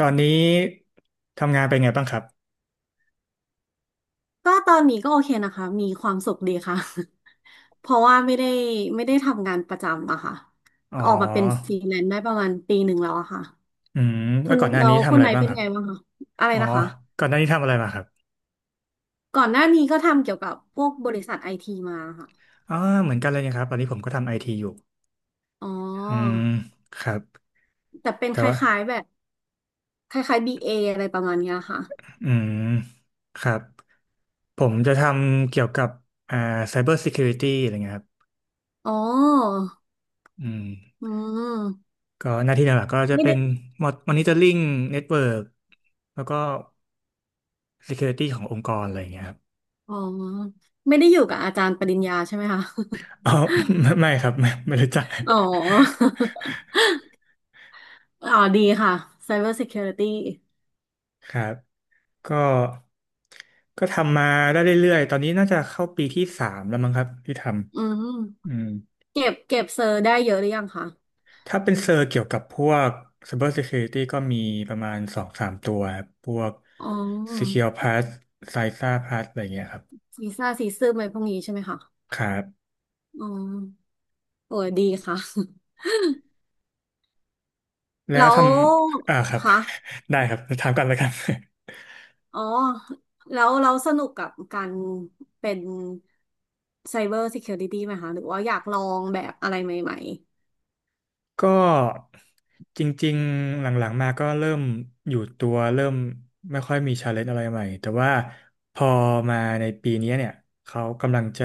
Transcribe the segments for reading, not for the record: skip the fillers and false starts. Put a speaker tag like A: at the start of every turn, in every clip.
A: ตอนนี้ทำงานเป็นไงบ้างครับ
B: ก็ตอนนี้ก็โอเคนะคะ มีความสุขดีค่ะ เพราะว่าไม่ได้ทำงานประจำอะค่ะ
A: อ๋
B: ออกมาเป็นฟ
A: อ
B: รีแลนซ์ได้ประมาณปีหนึ่งแล้วอะค่ะ
A: อืมแล้
B: คุ
A: ว
B: ณ
A: ก่อนหน้า
B: เรา
A: นี้ทำ
B: คุณ
A: อะไร
B: ไหน
A: บ้าง
B: เป็น
A: ครับ
B: ไงบ้างคะอะไร
A: อ๋อ
B: นะคะ
A: ก่อนหน้านี้ทำอะไรมาครับ
B: ก่อนหน้านี้ก็ทำเกี่ยวกับพวกบริษัทไอทีมาค่ะ
A: อ๋อเหมือนกันเลยนะครับตอนนี้ผมก็ทำไอทีอยู่
B: อ๋อ
A: อืมครับ
B: แต่เป็น
A: แต่
B: ค
A: ว่า
B: ล้ายๆแบบคล้ายๆ BA ออะไรประมาณเนี้ยค่ะ
A: อืมครับผมจะทำเกี่ยวกับอ่า Cyber Security อะไรเงี้ยครับ
B: อ๋อ
A: อืม
B: อืม
A: ก็หน้าที่หลักๆก็จะ
B: ไม่
A: เป็
B: ได้
A: น Monitoring Network แล้วก็ Security ขององค์กรอะไรอย่างเงี้ยครับ
B: อ๋อ ไม่ได้อยู่กับอาจารย์ปริญญาใช่ไหมคะ
A: อ๋อ ไม่ครับไม่รู้จัก
B: อ๋อ อ๋อดีค่ะ Cyber Security
A: ครับก็ก็ทำมาได้เรื่อยๆตอนนี้น่าจะเข้าปีที่สามแล้วมั้งครับที่ท
B: อื
A: ำอื
B: ม
A: ม
B: เก็บเซอร์ได้เยอะหรือยังคะ
A: ถ้าเป็นเซอร์เกี่ยวกับพวก Cyber Security ก็มีประมาณสองสามตัวครับพวก
B: อ๋อ
A: Secure Pass Cysa Pass อะไรเงี้ยครับ
B: ซีซ่าซีซึมอะไรพวกนี้ใช่ไหมคะ
A: ครับ
B: อ๋อโอ้ยดีค่ะ
A: แล้ ว
B: แล้
A: ท
B: ว
A: ำครับ
B: คะ
A: ได้ครับถามกันเลยครับ
B: อ๋อแล้วเราสนุกกับการเป็นไซเบอร์ซิเคียวริตี้ไหมคะหรือว่าอยากลองแบบอะไรใหม่
A: ก็จริงๆหลังๆมาก็เริ่มอยู่ตัวเริ่มไม่ค่อยมีชาเลนจ์อะไรใหม่แต่ว่าพอมาในปีนี้เนี่ยเขากำลังจะ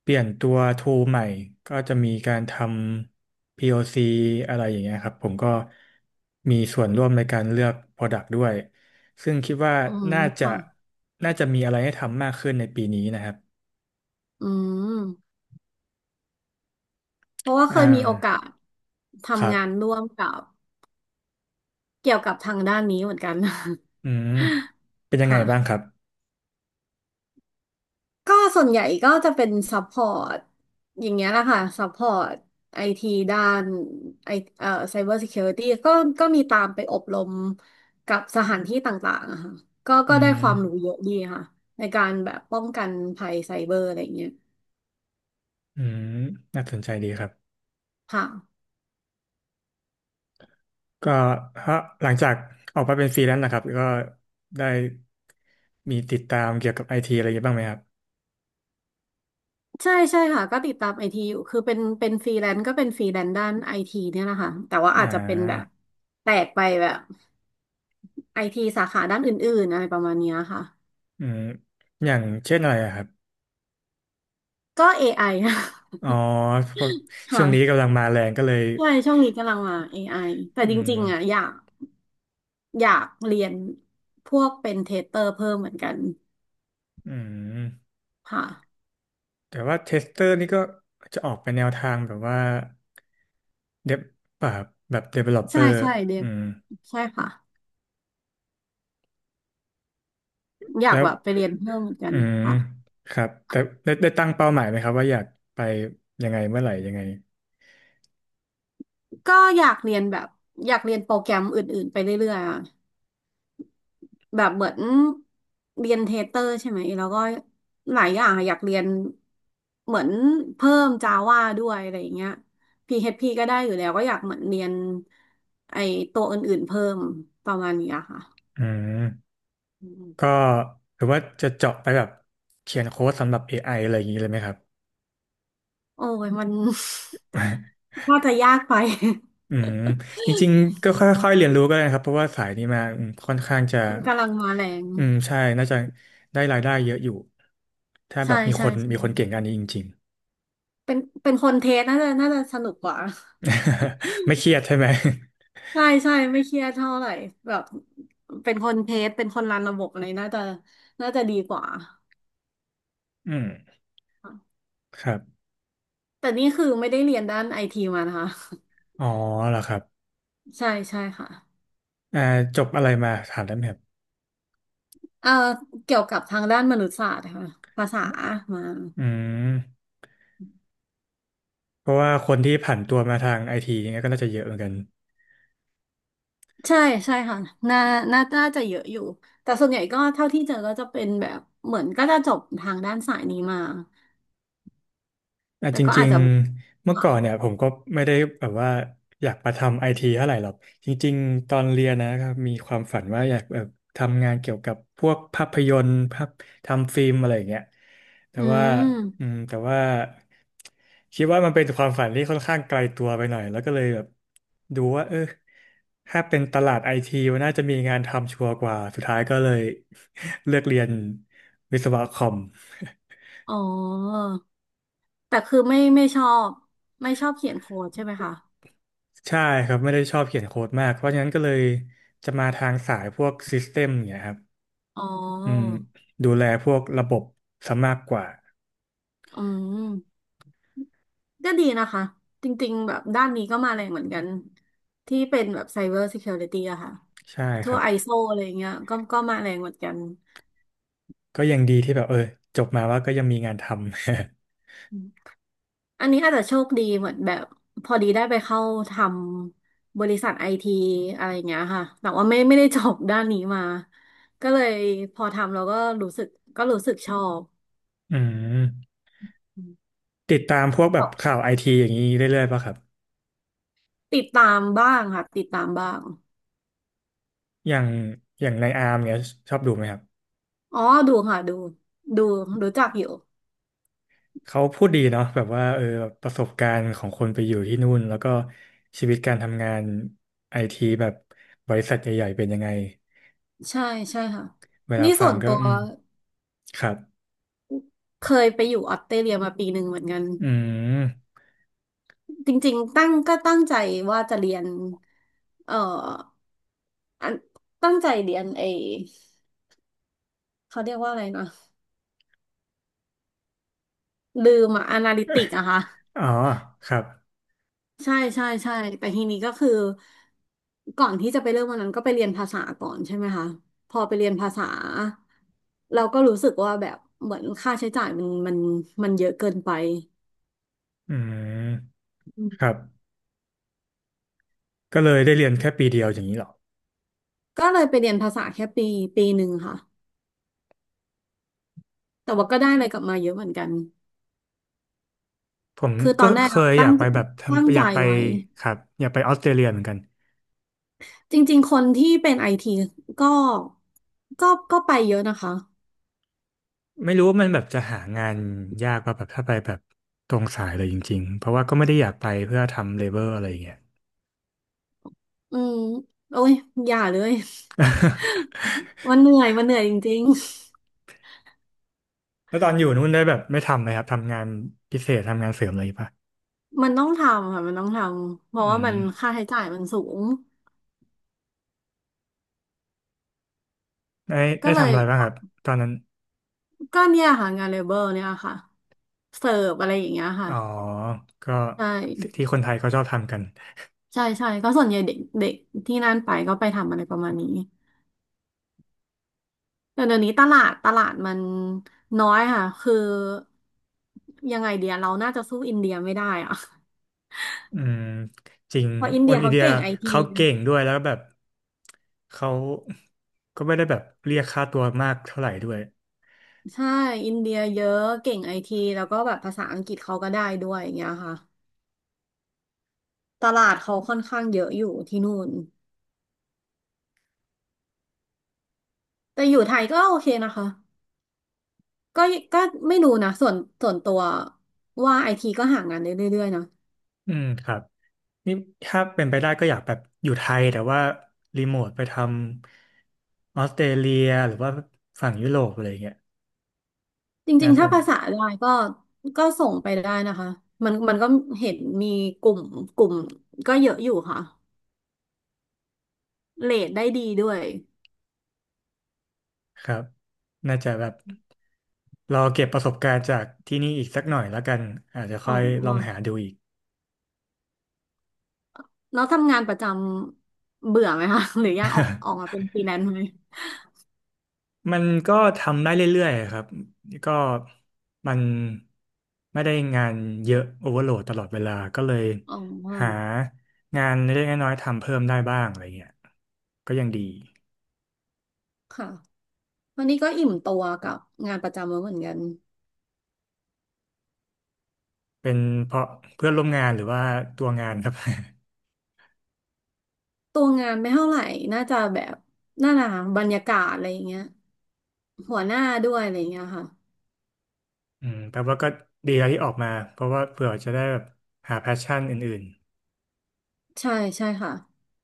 A: เปลี่ยนตัวทูใหม่ก็จะมีการทำ POC อซีอะไรอย่างเงี้ยครับผมก็มีส่วนร่วมในการเลือก Product ด้วยซึ่งคิดว่า
B: ๆอืม
A: น่าจะ
B: ค่ะ
A: น่าจะมีอะไรให้ทำมากขึ้นในปีนี้นะครับ
B: อืมเพราะว่าเค
A: อ่า
B: ยมีโอกาส
A: ครั
B: ทำงาน
A: บ
B: ร่วมกับเกี่ยวกับทางด้านนี้เหมือนกัน
A: อืมเป็น ยังไง
B: ค่ะ
A: บ้างครับ
B: ก็ส่วนใหญ่ก็จะเป็นซัพพอร์ตอย่างเงี้ยแหละค่ะซัพพอร์ตไอทีด้านไอไซเบอร์ซิเคียวริตี้ก็มีตามไปอบรมกับสถานที่ต่างๆอะค่ะก็
A: อื
B: ก็ได้
A: ม
B: ความรู้เยอะดีค่ะในการแบบป้องกันภัยไซเบอร์อะไรอย่างเงี้ย
A: อืมน่าสนใจดีครับ
B: ค่ะ
A: ก็ถ้าหลังจากออกมาเป็นฟรีแลนซ์นะครับ ก็ได้มีติดตามเกี่ยวกับไอทีอะไรเยอะบ้างไหมครับ
B: ใช่ใช่ค่ะก็ติดตามไอทีอยู่คือเป็นฟรีแลนซ์ก็เป็นฟรีแลนซ์ด้านไอทีเนี่ยแหละค่ะแต่ว่า
A: อ่
B: อาจจะเป็นแบบ
A: า
B: แตกไปแบบไอทีสาขาด้านอื่นๆอะไรประมาณเนี้ยค่ะ
A: อืมอย่างเช่นอะไรอะครับ
B: ก็เอไอ
A: อ๋อเพราะช่
B: ค่ะ
A: วงนี้กำลังมาแรงก็เลย
B: ใช่ช่วงนี้กำลังมา AI แต่
A: อื
B: จ
A: ม
B: ริงๆอ่ะอยากเรียนพวกเป็นเทสเตอร์เพิ่มเหมือนกัน
A: อืม
B: ค่ะ
A: แต่ว่าเทสเตอร์นี่ก็จะออกไปแนวทางแบบว่าเดบแบบแบบ
B: ใช่
A: developer
B: ใช่เรีย
A: อื
B: น
A: ม
B: ใช่ค่ะอยาก
A: แล้ว
B: แบบไปเรียนเพิ่มเหมือนกั
A: อื
B: น
A: ม
B: ค่ะ
A: ครับแต่ได้ตั้งเป้าหมายไหมครับว่าอยากไปยังไงเมื่อไหร่ยังไง
B: ก็อยากเรียนแบบอยากเรียนโปรแกรมอื่นๆไปเรื่อยๆอ่ะแบบเหมือนเรียนเทสเตอร์ใช่ไหมแล้วก็หลายอย่างอะอยากเรียนเหมือนเพิ่มจาวาด้วยอะไรอย่างเงี้ย p h ีก็ได้อยู่แล้วก็อยากเหมือนเรียนไอตัวอื่นๆเพิ่มประมาณนี้อะค่ะ
A: อืม
B: อืม
A: ก็หรือว่าจะเจาะไปแบบเขียนโค้ดสำหรับ AI อไออะไรอย่างนี้เลยไหมครับ
B: โอ้ยมัน ว่าจะยากไป
A: อืมจริงๆก็ค่อยๆเรียนรู้ก็ได้นะครับเพราะว่าสายนี้มาอืมค่อนข้างจะ
B: มันกำลังมาแรง
A: อืมใช่น่าจะได้รายได้เยอะอยู่ถ้าแบ
B: ใช่
A: บมีค
B: ใช่
A: น
B: ใช่
A: มีคนเก่งอันนี้จริง
B: เป็นเป็นคนเทสน่าจะสนุกกว่า
A: ๆ ไม่เครียดใช่ไหม
B: ใช่ใช่ไม่เครียดเท่าไหร่แบบเป็นคนเทสเป็นคนรันระบบอะไรน่าจะดีกว่า
A: อืมครับ
B: แต่นี่คือไม่ได้เรียนด้านไอทีมานะคะ
A: อ๋อเหรอครับ
B: ใช่ใช่ค่ะ
A: อ่าจบอะไรมาถามได้ไหมครับ
B: เอ่อเกี่ยวกับทางด้านมนุษยศาสตร์ค่ะภาษามา
A: อืมเพราะว่าคนที่ผ่านตัวมาทางไอทีเนี่ยก็น่าจะเยอะเหมือนกัน
B: ใช่ใช่ค่ะน่าน่าจะเยอะอยู่แต่ส่วนใหญ่ก็เท่าที่เจอก็จะเป็นแบบเหมือนก็จะจบทางด้านสายนี้มา
A: อ่ะ
B: แต่
A: จ
B: ก็อา
A: ริ
B: จ
A: ง
B: จะ
A: ๆเมื่อ
B: ค่ะ
A: ก่อนเนี่ยผมก็ไม่ได้แบบว่าอยากมาทำไอทีเท่าไหร่หรอกจริงๆตอนเรียนนะครับมีความฝันว่าอยากแบบทำงานเกี่ยวกับพวกภาพยนตร์ภาพทำฟิล์มอะไรอย่างเงี้ยแต่
B: อื
A: ว่า
B: ม
A: อืมแต่ว่าคิดว่ามันเป็นความฝันที่ค่อนข้างไกลตัวไปหน่อยแล้วก็เลยแบบดูว่าเออถ้าเป็นตลาดไอทีมันน่าจะมีงานทำชัวร์กว่าสุดท้ายก็เลย เลือกเรียนวิศวะคอม
B: อ๋อแต่คือไม่ชอบไม่ชอบเขียนโค้ดใช่ไหมคะ
A: ใช่ครับไม่ได้ชอบเขียนโค้ดมากเพราะฉะนั้นก็เลยจะมาทางสายพวกซิสเต็มเนี่ยครับ
B: อ๋อ
A: อืมดูแลพวกระบบซะมากกว่า
B: อืมก็ดีนะคะจริงๆแบบด้านนี้ก็มาแรงเหมือนกันที่เป็นแบบ Cyber Security อะค่ะ
A: ใช่ค
B: ทั่
A: รั
B: ว
A: บ
B: ISO อเอสโออะไรอย่างเงี้ยก็ก็มาแรงเหมือนกัน
A: ก็ยังดีที่แบบเออจบมาว่าก็ยังมีงานทำ
B: อันนี้อาจจะโชคดีเหมือนแบบพอดีได้ไปเข้าทำบริษัทไอทีอะไรอย่างเงี้ยค่ะแต่ว่าไม่ได้จบด้านนี้มาก็เลยพอทำแล้วก็รู้สึกก็รู้สึกชอบ
A: อืม
B: อืม
A: ติดตามพวกแบบข่าวไอทีอย่างนี้เรื่อยๆป่ะครับ
B: ติดตามบ้างค่ะติดตามบ้าง
A: อย่างอย่างในอาร์มเนี่ยชอบดูไหมครับ
B: อ๋อดูค่ะดูดูรู้จักอยู่
A: เขาพูดดีเนาะแบบว่าเออประสบการณ์ของคนไปอยู่ที่นู่นแล้วก็ชีวิตการทำงานไอทีแบบบริษัทใหญ่ๆเป็นยังไง
B: ใช่ใช่ค่ะ
A: เวลา
B: นี่ส่
A: ฟัง
B: วน
A: ก็
B: ตัว
A: อืมครับ
B: เคยไปอยู่ออสเตรเลียมาปีหนึ่งเหมือนกัน
A: อืม
B: จริงๆตั้งใจว่าจะเรียนเอ่ออันตั้งใจเรียนไอเขาเรียกว่าอะไรนะ ลืมอะอนาลิติกอะค่ะ
A: อ๋อครับ
B: ใช่ใช่ใช่แต่ทีนี้ก็คือก่อนที่จะไปเริ่มวันนั้นก็ไปเรียนภาษาก่อนใช่ไหมคะพอไปเรียนภาษาเราก็รู้สึกว่าแบบเหมือนค่าใช้จ่ายมันมันเยอะเกินไป
A: อืม
B: อื
A: ครั
B: ม
A: บ ก็เลยได้เรียนแค่ปีเดียวอย่างนี้เหรอ
B: ก็เลยไปเรียนภาษาแค่ปีปีหนึ่งค่ะแต่ว่าก็ได้อะไรกลับมาเยอะเหมือนกัน
A: ผม
B: คือต
A: ก็
B: อนแร
A: เค
B: กอะ
A: ยอยากไปแบบ
B: ตั้ง
A: ทำอ
B: ใจ
A: ยากไป
B: ไว้
A: ครับอยากไปออสเตรเลียเหมือนกัน
B: จริงๆคนที่เป็นไอทีก็ก็ไปเยอะนะคะ
A: ไม่รู้ว่ามันแบบจะหางานยากป่ะแบบถ้าไปแบบตรงสายเลยจริงๆ เพราะว่าก็ไม่ได้อยากไปเพื่อทำเลเบอร์อะไรอย่างเงี้ย
B: อืมโอ้ยอย่าเลย มันเหนื่อยมันเหนื่อยจริง
A: แล้วตอนอยู่นู่นได้แบบไม่ทำไหมครับทำงานพิเศษทำงานเสริมอะไรป่ะ
B: ๆมันต้องทำค่ะมันต้องทำเพราะ
A: อื
B: ว่า
A: ม
B: มันค่าใช้จ่ายมันสูง
A: ได้
B: ก็
A: ได้
B: เล
A: ทำ
B: ย
A: อะไรบ้างครับ ตอนนั้น
B: ก็เนี่ยค่ะงานเลเบอร์เนี่ยค่ะเสิร์ฟอะไรอย่างเงี้ยค่ะ
A: อ๋อก็
B: ใช่
A: ที่คนไทยเขาชอบทำกัน
B: ใช่ใช่ก็ส่วนใหญ่เด็กเด็กที่นั่นไปก็ไปทำอะไรประมาณนี้แต่เดี๋ยวนี้ตลาดมันน้อยค่ะคือยังไงเดียเราน่าจะสู้อินเดียไม่ได้อะ
A: อืมจริง
B: เพราะอิน
A: โอ
B: เดีย
A: นอิน
B: เขา
A: เดีย
B: เก่งไอที
A: เขาเก่งด้วย แล้วแบบเขาก็ไม่ได้แบบเรียกค่าตัวมากเท่าไหร่ด้วย
B: ใช่อินเดียเยอะเก่งไอทีแล้วก็แบบภาษาอังกฤษเขาก็ได้ด้วยอย่างเงี้ยค่ะ ตลาดเขาค่อนข้างเยอะอยู่ที่นู่นแต่อยู่ไทยก็โอเคนะคะ ก็ก็ไม่รู้นะส่วนตัวว่าไอทีก็หางานได้เรื่อยๆนะ
A: อืมครับนี่ถ้าเป็นไปได้ก็อยากแบบอยู่ไทยแต่ว่ารีโมทไปทำออสเตรเลียหรือว่าฝั่งยุโรปอะไรอย่างเงี้ย
B: จริ
A: น่า
B: งๆ
A: ส
B: ถ้า
A: น
B: ภาษาได้ก็ก็ส่งไปได้นะคะ มันก็เห็นมีกลุ่มกลุ่มก็เยอะอยู่ค่ะเรทได้ดีด้วย
A: ครับน่าจะแบบรอเก็บประสบการณ์จากที่นี่อีกสักหน่อยแล้วกัน อาจจะ
B: อ๋
A: ค่อยลองหา
B: อ
A: ดูอีก
B: แล้วทำงานประจำเบื่อไหมคะ หรืออยากออกมาเป็นฟรีแลนซ์ไหม
A: มันก็ทำได้เรื่อยๆครับก็มันไม่ได้งานเยอะโอเวอร์โหลดตลอดเวลาก็เลย
B: อ๋อ
A: หางานเล็กๆน้อยๆทำเพิ่มได้บ้างอะไรเงี้ยก็ยังดี
B: ค่ะ วันนี้ก็อิ่มตัวกับงานประจำแล้วเหมือนกัน
A: เป็นเพราะเพื่อนร่วมงานหรือว่าตัวงานครับ
B: ตัวงานไม่เท่าไหร่น่าจะแบบน่าหนาบรรยากาศอะไรอย่างเงี้ยหัวหน้าด้วยอะไรอย่างเงี้ยค่ะ
A: อืมแปลว่าก็ดีแล้วที่ออกมาเพราะว่าเผื่อจะได้แบบหาแพชชั่นอื่น
B: ใช่ใช่ค่ะ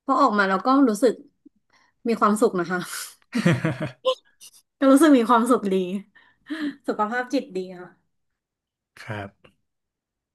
B: เพราะออกมาแล้วก็รู้สึกมีความสุขนะคะ ก็รู้สึกมีความสุขดีสุขภาพจิตดีค่ะ
A: ๆ ครับ